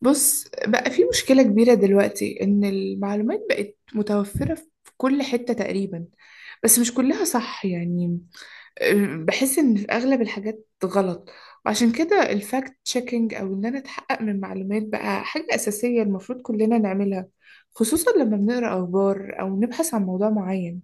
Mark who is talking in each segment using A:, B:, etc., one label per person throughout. A: بص بقى، في مشكلة كبيرة دلوقتي إن المعلومات بقت متوفرة في كل حتة تقريبا. بس مش كلها صح يعني. بحس إن في أغلب الحاجات غلط. وعشان كده، الفاكت تشيكينج أو إن أنا أتحقق من معلومات بقى حاجة أساسية المفروض كلنا نعملها، خصوصا لما بنقرأ أخبار أو نبحث عن موضوع معين.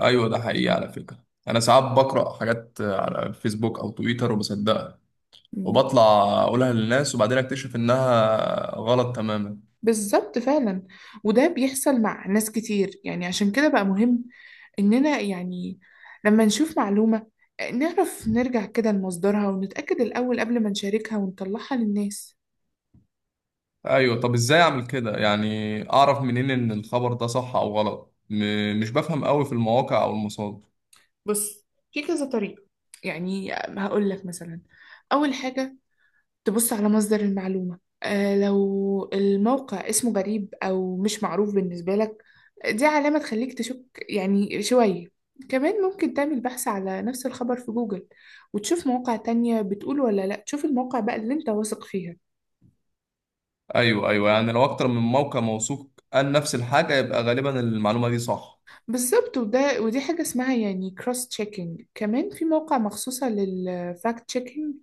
B: ايوه، ده حقيقي على فكره. انا ساعات بقرا حاجات على الفيسبوك او تويتر وبصدقها وبطلع اقولها للناس وبعدين اكتشف انها غلط تماما.
A: بالظبط فعلا. وده بيحصل مع ناس كتير يعني، عشان كده بقى مهم إننا يعني لما نشوف معلومة نعرف نرجع كده لمصدرها ونتأكد الأول قبل ما نشاركها ونطلعها للناس.
B: ايوه، طب ازاي اعمل كده؟ يعني اعرف منين ان الخبر ده صح او غلط؟ مش بفهم قوي في المواقع او المصادر.
A: بص، في كذا طريقة. يعني هقول لك مثلا، أول حاجة تبص على مصدر المعلومة. لو الموقع اسمه غريب أو مش معروف بالنسبة لك، دي علامة تخليك تشك يعني شوية. كمان ممكن تعمل بحث على نفس الخبر في جوجل، وتشوف مواقع تانية بتقول ولا لأ. تشوف المواقع بقى اللي انت واثق فيها.
B: ايوه، ايوه، يعني لو اكتر من موقع موثوق قال نفس الحاجه يبقى غالبا المعلومه دي صح.
A: بالظبط. ودي حاجة اسمها يعني كروس تشيكينج. كمان في مواقع مخصوصة للفاكت تشيكينج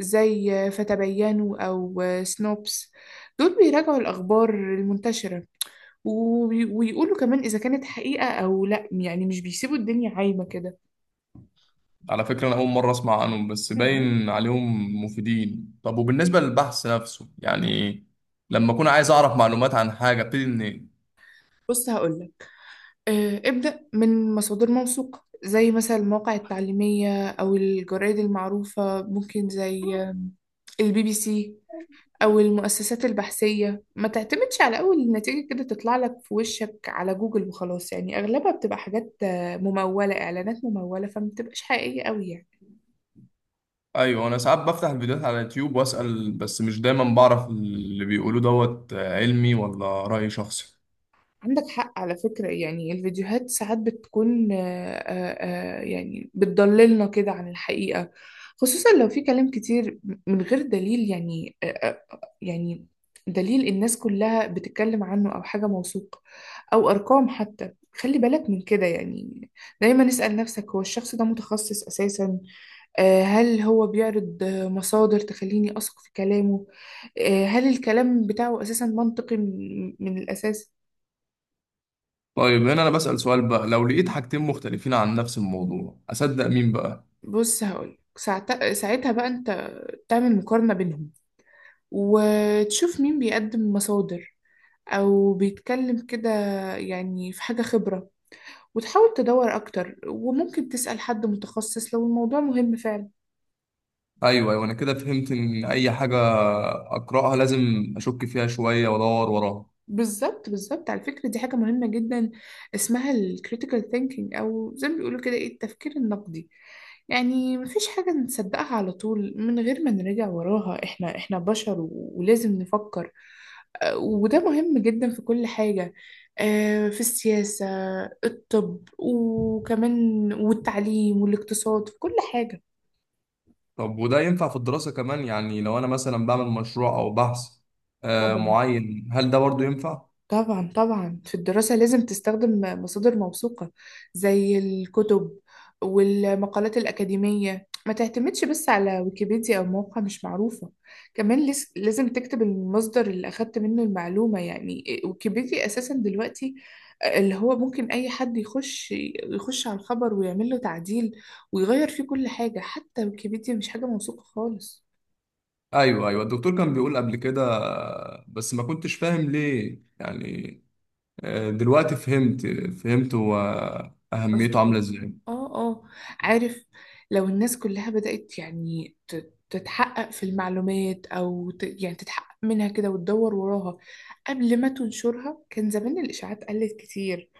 A: زي فتبينوا أو سنوبس. دول بيراجعوا الأخبار المنتشرة، ويقولوا كمان إذا كانت حقيقة أو لأ، يعني مش بيسيبوا الدنيا عايمة كده.
B: على فكرة، أنا أول مرة أسمع عنهم بس
A: ياه.
B: باين عليهم مفيدين. طب وبالنسبة للبحث نفسه، يعني لما أكون عايز أعرف معلومات عن حاجة أبتدي منين؟
A: بص هقولك، ابدأ من مصادر موثوقة زي مثلا المواقع التعليمية أو الجرائد المعروفة، ممكن زي الBBC أو المؤسسات البحثية. ما تعتمدش على أول نتيجة كده تطلع لك في وشك على جوجل وخلاص، يعني أغلبها بتبقى حاجات ممولة، إعلانات ممولة فما بتبقاش حقيقية أوي يعني.
B: أيوه، أنا ساعات بفتح الفيديوهات على اليوتيوب وأسأل بس مش دايما بعرف اللي بيقولوه دوت علمي ولا رأي شخصي.
A: عندك حق على فكرة. يعني الفيديوهات ساعات بتكون يعني بتضللنا كده عن الحقيقة، خصوصا لو في كلام كتير من غير دليل يعني. يعني دليل الناس كلها بتتكلم عنه أو حاجة موثوق أو أرقام حتى. خلي بالك من كده يعني. دايما اسأل نفسك، هو الشخص ده متخصص أساسا؟ هل هو بيعرض مصادر تخليني أثق في كلامه؟ هل الكلام بتاعه أساسا منطقي من الأساس؟
B: طيب، هنا أنا بسأل سؤال بقى، لو لقيت حاجتين مختلفين عن نفس الموضوع أصدق مين بقى؟
A: بص هقول ساعتها بقى انت تعمل مقارنة بينهم، وتشوف مين بيقدم مصادر او بيتكلم كده، يعني في حاجة خبرة. وتحاول تدور اكتر، وممكن تسأل حد متخصص لو الموضوع مهم فعلا.
B: أيوه، أيوه، أنا كده فهمت إن أي حاجة أقرأها لازم أشك فيها شوية وأدور وراها.
A: بالظبط بالظبط. على فكرة دي حاجة مهمة جدا، اسمها ال critical thinking أو زي ما بيقولوا كده، إيه؟ التفكير النقدي. يعني مفيش حاجة نصدقها على طول من غير ما نراجع وراها. إحنا بشر و- ولازم نفكر. وده مهم جدا في كل حاجة. في السياسة، الطب وكمان والتعليم والاقتصاد، في كل حاجة.
B: طب وده ينفع في الدراسة كمان؟ يعني لو أنا مثلا بعمل مشروع أو بحث
A: طبعا.
B: معين، هل ده برضو ينفع؟
A: طبعا طبعا، في الدراسة لازم تستخدم مصادر موثوقة، زي الكتب والمقالات الأكاديمية. ما تعتمدش بس على ويكيبيديا أو موقع مش معروفة. كمان لازم تكتب المصدر اللي أخدت منه المعلومة. يعني ويكيبيديا أساسا دلوقتي اللي هو ممكن أي حد يخش على الخبر ويعمل له تعديل، ويغير فيه كل حاجة. حتى ويكيبيديا مش حاجة موثوقة خالص.
B: أيوه، أيوه، الدكتور كان بيقول قبل كده بس ما كنتش فاهم ليه يعني. دلوقتي فهمت هو أهميته
A: قصدي،
B: عاملة إزاي.
A: اه اه، عارف. لو الناس كلها بدأت يعني تتحقق في المعلومات او يعني تتحقق منها كده وتدور وراها قبل ما تنشرها، كان زمان الإشاعات قلت كتير،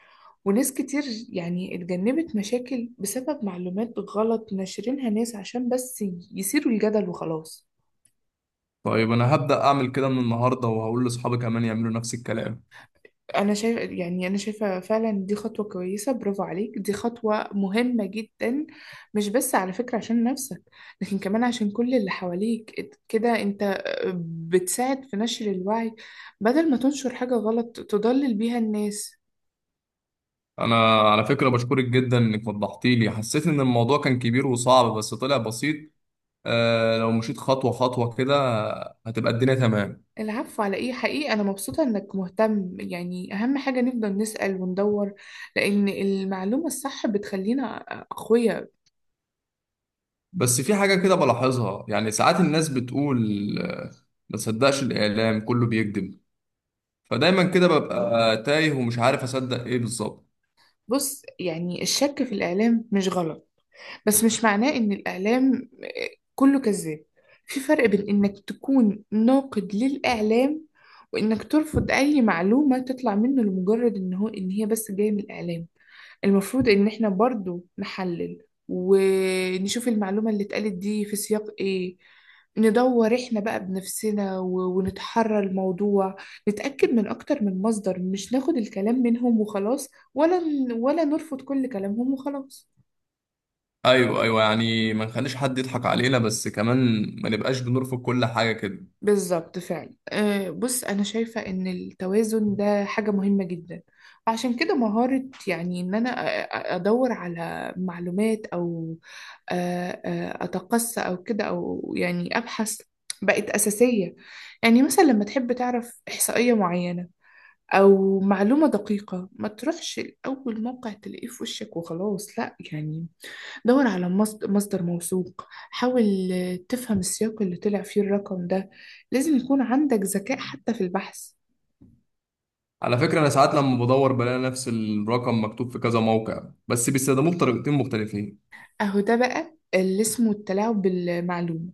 A: وناس كتير يعني اتجنبت مشاكل بسبب معلومات غلط ناشرينها ناس عشان بس يثيروا الجدل وخلاص.
B: طيب، أنا هبدأ أعمل كده من النهاردة وهقول لأصحابي كمان يعملوا نفس الكلام.
A: انا شايف يعني انا شايفه فعلا دي خطوه كويسه. برافو عليك، دي خطوه مهمه جدا. مش بس على فكره عشان نفسك، لكن كمان عشان كل اللي حواليك. كده انت بتساعد في نشر الوعي، بدل ما تنشر حاجه غلط تضلل بيها الناس.
B: أنا على فكرة بشكرك جدا إنك وضحتي لي. حسيت إن الموضوع كان كبير وصعب بس طلع بسيط. لو مشيت خطوة خطوة كده هتبقى الدنيا تمام.
A: العفو على ايه؟ حقيقي انا مبسوطه انك مهتم. يعني اهم حاجه نفضل نسأل وندور، لان المعلومه الصح بتخلينا اقوياء.
B: بس في حاجة كده بلاحظها، يعني ساعات الناس بتقول ما تصدقش الإعلام كله بيكذب. فدايما كده ببقى تايه ومش عارف أصدق إيه بالظبط.
A: بص يعني، الشك في الاعلام مش غلط. بس مش معناه إن الإعلام كله كذاب. في فرق بين إنك تكون ناقد للإعلام، وإنك ترفض أي معلومة تطلع منه لمجرد إن هي بس جاية من الإعلام. المفروض إن إحنا برضو نحلل، ونشوف المعلومة اللي اتقالت دي في سياق إيه. ندور إحنا بقى بنفسنا و- ونتحرى الموضوع. نتأكد من أكتر من مصدر، مش ناخد الكلام منهم وخلاص، ولا ولا نرفض كل كلامهم وخلاص.
B: أيوه، أيوه، يعني ما نخليش حد يضحك علينا بس كمان ما نبقاش بنرفض كل حاجة كده.
A: بالظبط فعلا. أه، بص، أنا شايفة إن التوازن ده حاجة مهمة جدا. عشان كده، مهارة يعني إن أنا أدور على معلومات أو أ- أ- أتقصى أو كده أو يعني أبحث بقت أساسية. يعني مثلا لما تحب تعرف إحصائية معينة أو معلومة دقيقة، ما تروحش لأول موقع تلاقيه في وشك وخلاص. لأ يعني، دور على مصدر موثوق. حاول تفهم السياق اللي طلع فيه الرقم ده. لازم يكون عندك ذكاء حتى في البحث.
B: على فكرة، أنا ساعات لما بدور بلاقي نفس الرقم مكتوب في كذا موقع بس بيستخدموه بطريقتين مختلفين.
A: اهو، ده بقى اللي اسمه التلاعب بالمعلومة.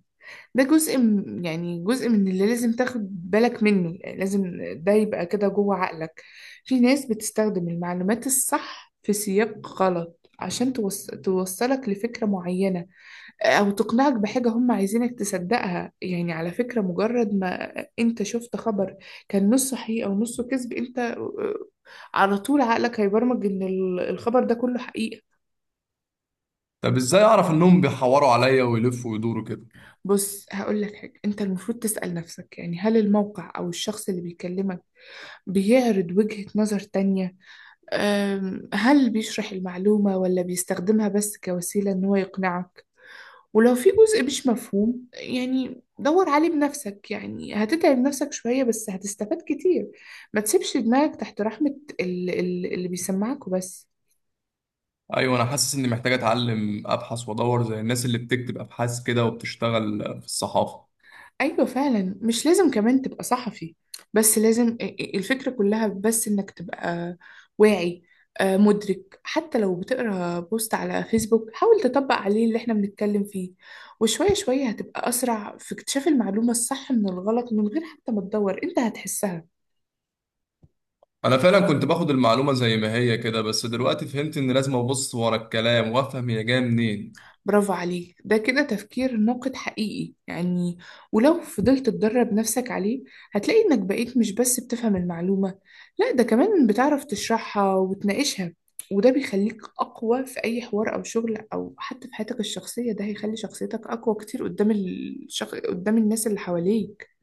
A: ده جزء يعني جزء من اللي لازم تاخد بالك منه. يعني لازم ده يبقى كده جوه عقلك. في ناس بتستخدم المعلومات الصح في سياق غلط عشان توصلك لفكرة معينة، او تقنعك بحاجة هم عايزينك تصدقها. يعني على فكرة، مجرد ما انت شفت خبر كان نص صحيح او نصه حقيقة ونصه كذب، انت على طول عقلك هيبرمج ان الخبر ده كله حقيقة.
B: طب إزاي أعرف إنهم بيحوروا عليا ويلفوا ويدوروا كده؟
A: بص هقول لك حاجة، انت المفروض تسأل نفسك يعني، هل الموقع او الشخص اللي بيكلمك بيعرض وجهة نظر تانية؟ هل بيشرح المعلومة ولا بيستخدمها بس كوسيلة ان هو يقنعك؟ ولو في جزء مش مفهوم، يعني دور عليه بنفسك. يعني هتتعب نفسك شوية، بس هتستفاد كتير. ما تسيبش دماغك تحت رحمة اللي بيسمعك وبس.
B: أيوه، أنا حاسس إني محتاج أتعلم أبحث وأدور زي الناس اللي بتكتب أبحاث كده وبتشتغل في الصحافة.
A: أيوة فعلا. مش لازم كمان تبقى صحفي، بس لازم الفكرة كلها بس إنك تبقى واعي، مدرك. حتى لو بتقرأ بوست على فيسبوك، حاول تطبق عليه اللي احنا بنتكلم فيه. وشوية شوية هتبقى أسرع في اكتشاف المعلومة الصح من الغلط. من غير حتى ما تدور، انت هتحسها.
B: انا فعلا كنت باخد المعلومه زي ما هي كده، بس دلوقتي فهمت ان لازم ابص ورا الكلام وافهم هي جايه منين.
A: برافو عليك، ده كده تفكير ناقد حقيقي يعني. ولو فضلت تدرب نفسك عليه، هتلاقي إنك بقيت مش بس بتفهم المعلومة، لا ده كمان بتعرف تشرحها وتناقشها. وده بيخليك أقوى في أي حوار أو شغل أو حتى في حياتك الشخصية. ده هيخلي شخصيتك أقوى كتير قدام قدام الناس اللي حواليك.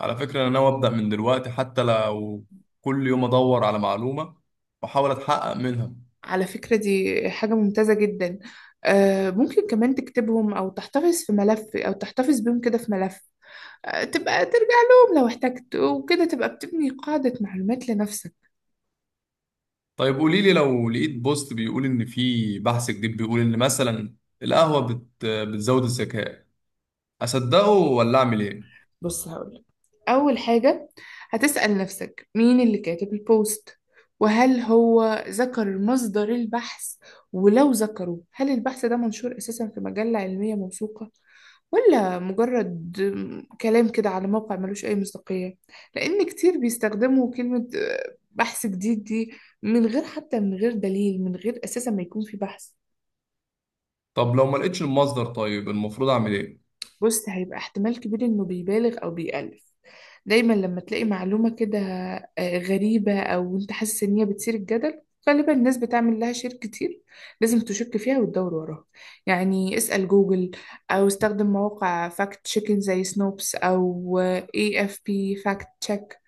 B: على فكره، انا ناوي ابدا من دلوقتي، حتى لو كل يوم ادور على معلومه واحاول اتحقق منها.
A: على فكرة دي حاجة ممتازة جدا. ممكن كمان تكتبهم أو تحتفظ في ملف أو تحتفظ بيهم كده في ملف. تبقى ترجع لهم لو احتجت، وكده تبقى بتبني قاعدة معلومات لنفسك.
B: طيب قولي لي، لو لقيت بوست بيقول ان في بحث جديد بيقول ان مثلا القهوه بتزود الذكاء، اصدقه ولا اعمل ايه؟
A: بص هقولك، أول حاجة هتسأل نفسك مين اللي كاتب البوست، وهل هو ذكر مصدر البحث؟ ولو ذكره، هل البحث ده منشور أساسا في مجلة علمية موثوقة، ولا مجرد كلام كده على موقع ملوش أي مصداقية؟ لأن كتير بيستخدموا كلمة بحث جديد دي من غير، حتى من غير دليل، من غير أساسا ما يكون في بحث.
B: طب لو ما لقيتش المصدر، طيب المفروض اعمل ايه؟
A: بص، هيبقى احتمال كبير انه بيبالغ او بيألف. دايما لما تلاقي معلومة كده غريبة، او انت حاسس ان هي بتثير الجدل، غالبا الناس بتعمل لها شير كتير، لازم تشك فيها وتدور وراها. يعني اسأل جوجل، او استخدم مواقع فاكت تشيكن زي سنوبس او AFP فاكت تشيك.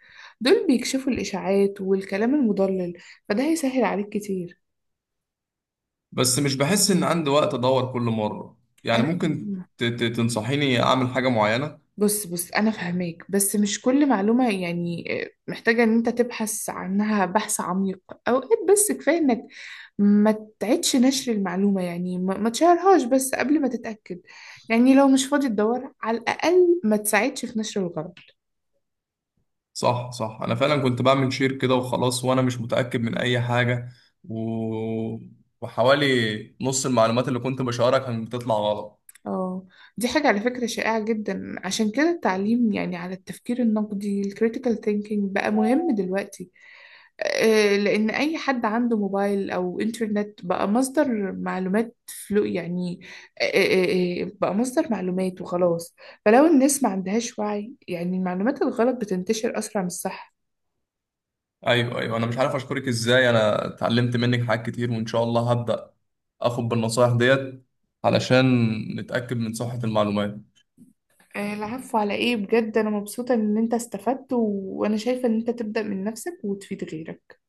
A: دول بيكشفوا الاشاعات والكلام المضلل، فده هيسهل عليك كتير.
B: بس مش بحس ان عندي وقت ادور كل مره. يعني
A: انا
B: ممكن تنصحيني اعمل حاجه معينه؟
A: بص بص، انا فاهماك. بس مش كل معلومه يعني محتاجه ان انت تبحث عنها بحث عميق. اوقات بس كفايه انك ما تعيدش نشر المعلومه، يعني ما تشهرهاش بس قبل ما تتاكد. يعني لو مش فاضي تدور، على الاقل ما تساعدش في نشر الغلط.
B: صح، صح، انا فعلا كنت بعمل شير كده وخلاص وانا مش متاكد من اي حاجه، و... وحوالي نص المعلومات اللي كنت بشاركها كانت بتطلع غلط.
A: اه، دي حاجه على فكره شائعه جدا. عشان كده التعليم يعني على التفكير النقدي، الكريتيكال ثينكينج، بقى مهم دلوقتي. لأن أي حد عنده موبايل أو إنترنت بقى مصدر معلومات. فلو يعني بقى مصدر معلومات وخلاص. فلو الناس ما عندهاش وعي يعني، المعلومات الغلط بتنتشر أسرع من الصح.
B: ايوه، ايوه، انا مش عارف اشكرك ازاي. انا اتعلمت منك حاجات كتير، وان شاء الله هبدا اخد بالنصايح ديت علشان نتاكد من صحه المعلومات.
A: العفو على إيه؟ بجد أنا مبسوطة إن أنت استفدت، و... وأنا شايفة إن أنت تبدأ من نفسك وتفيد غيرك.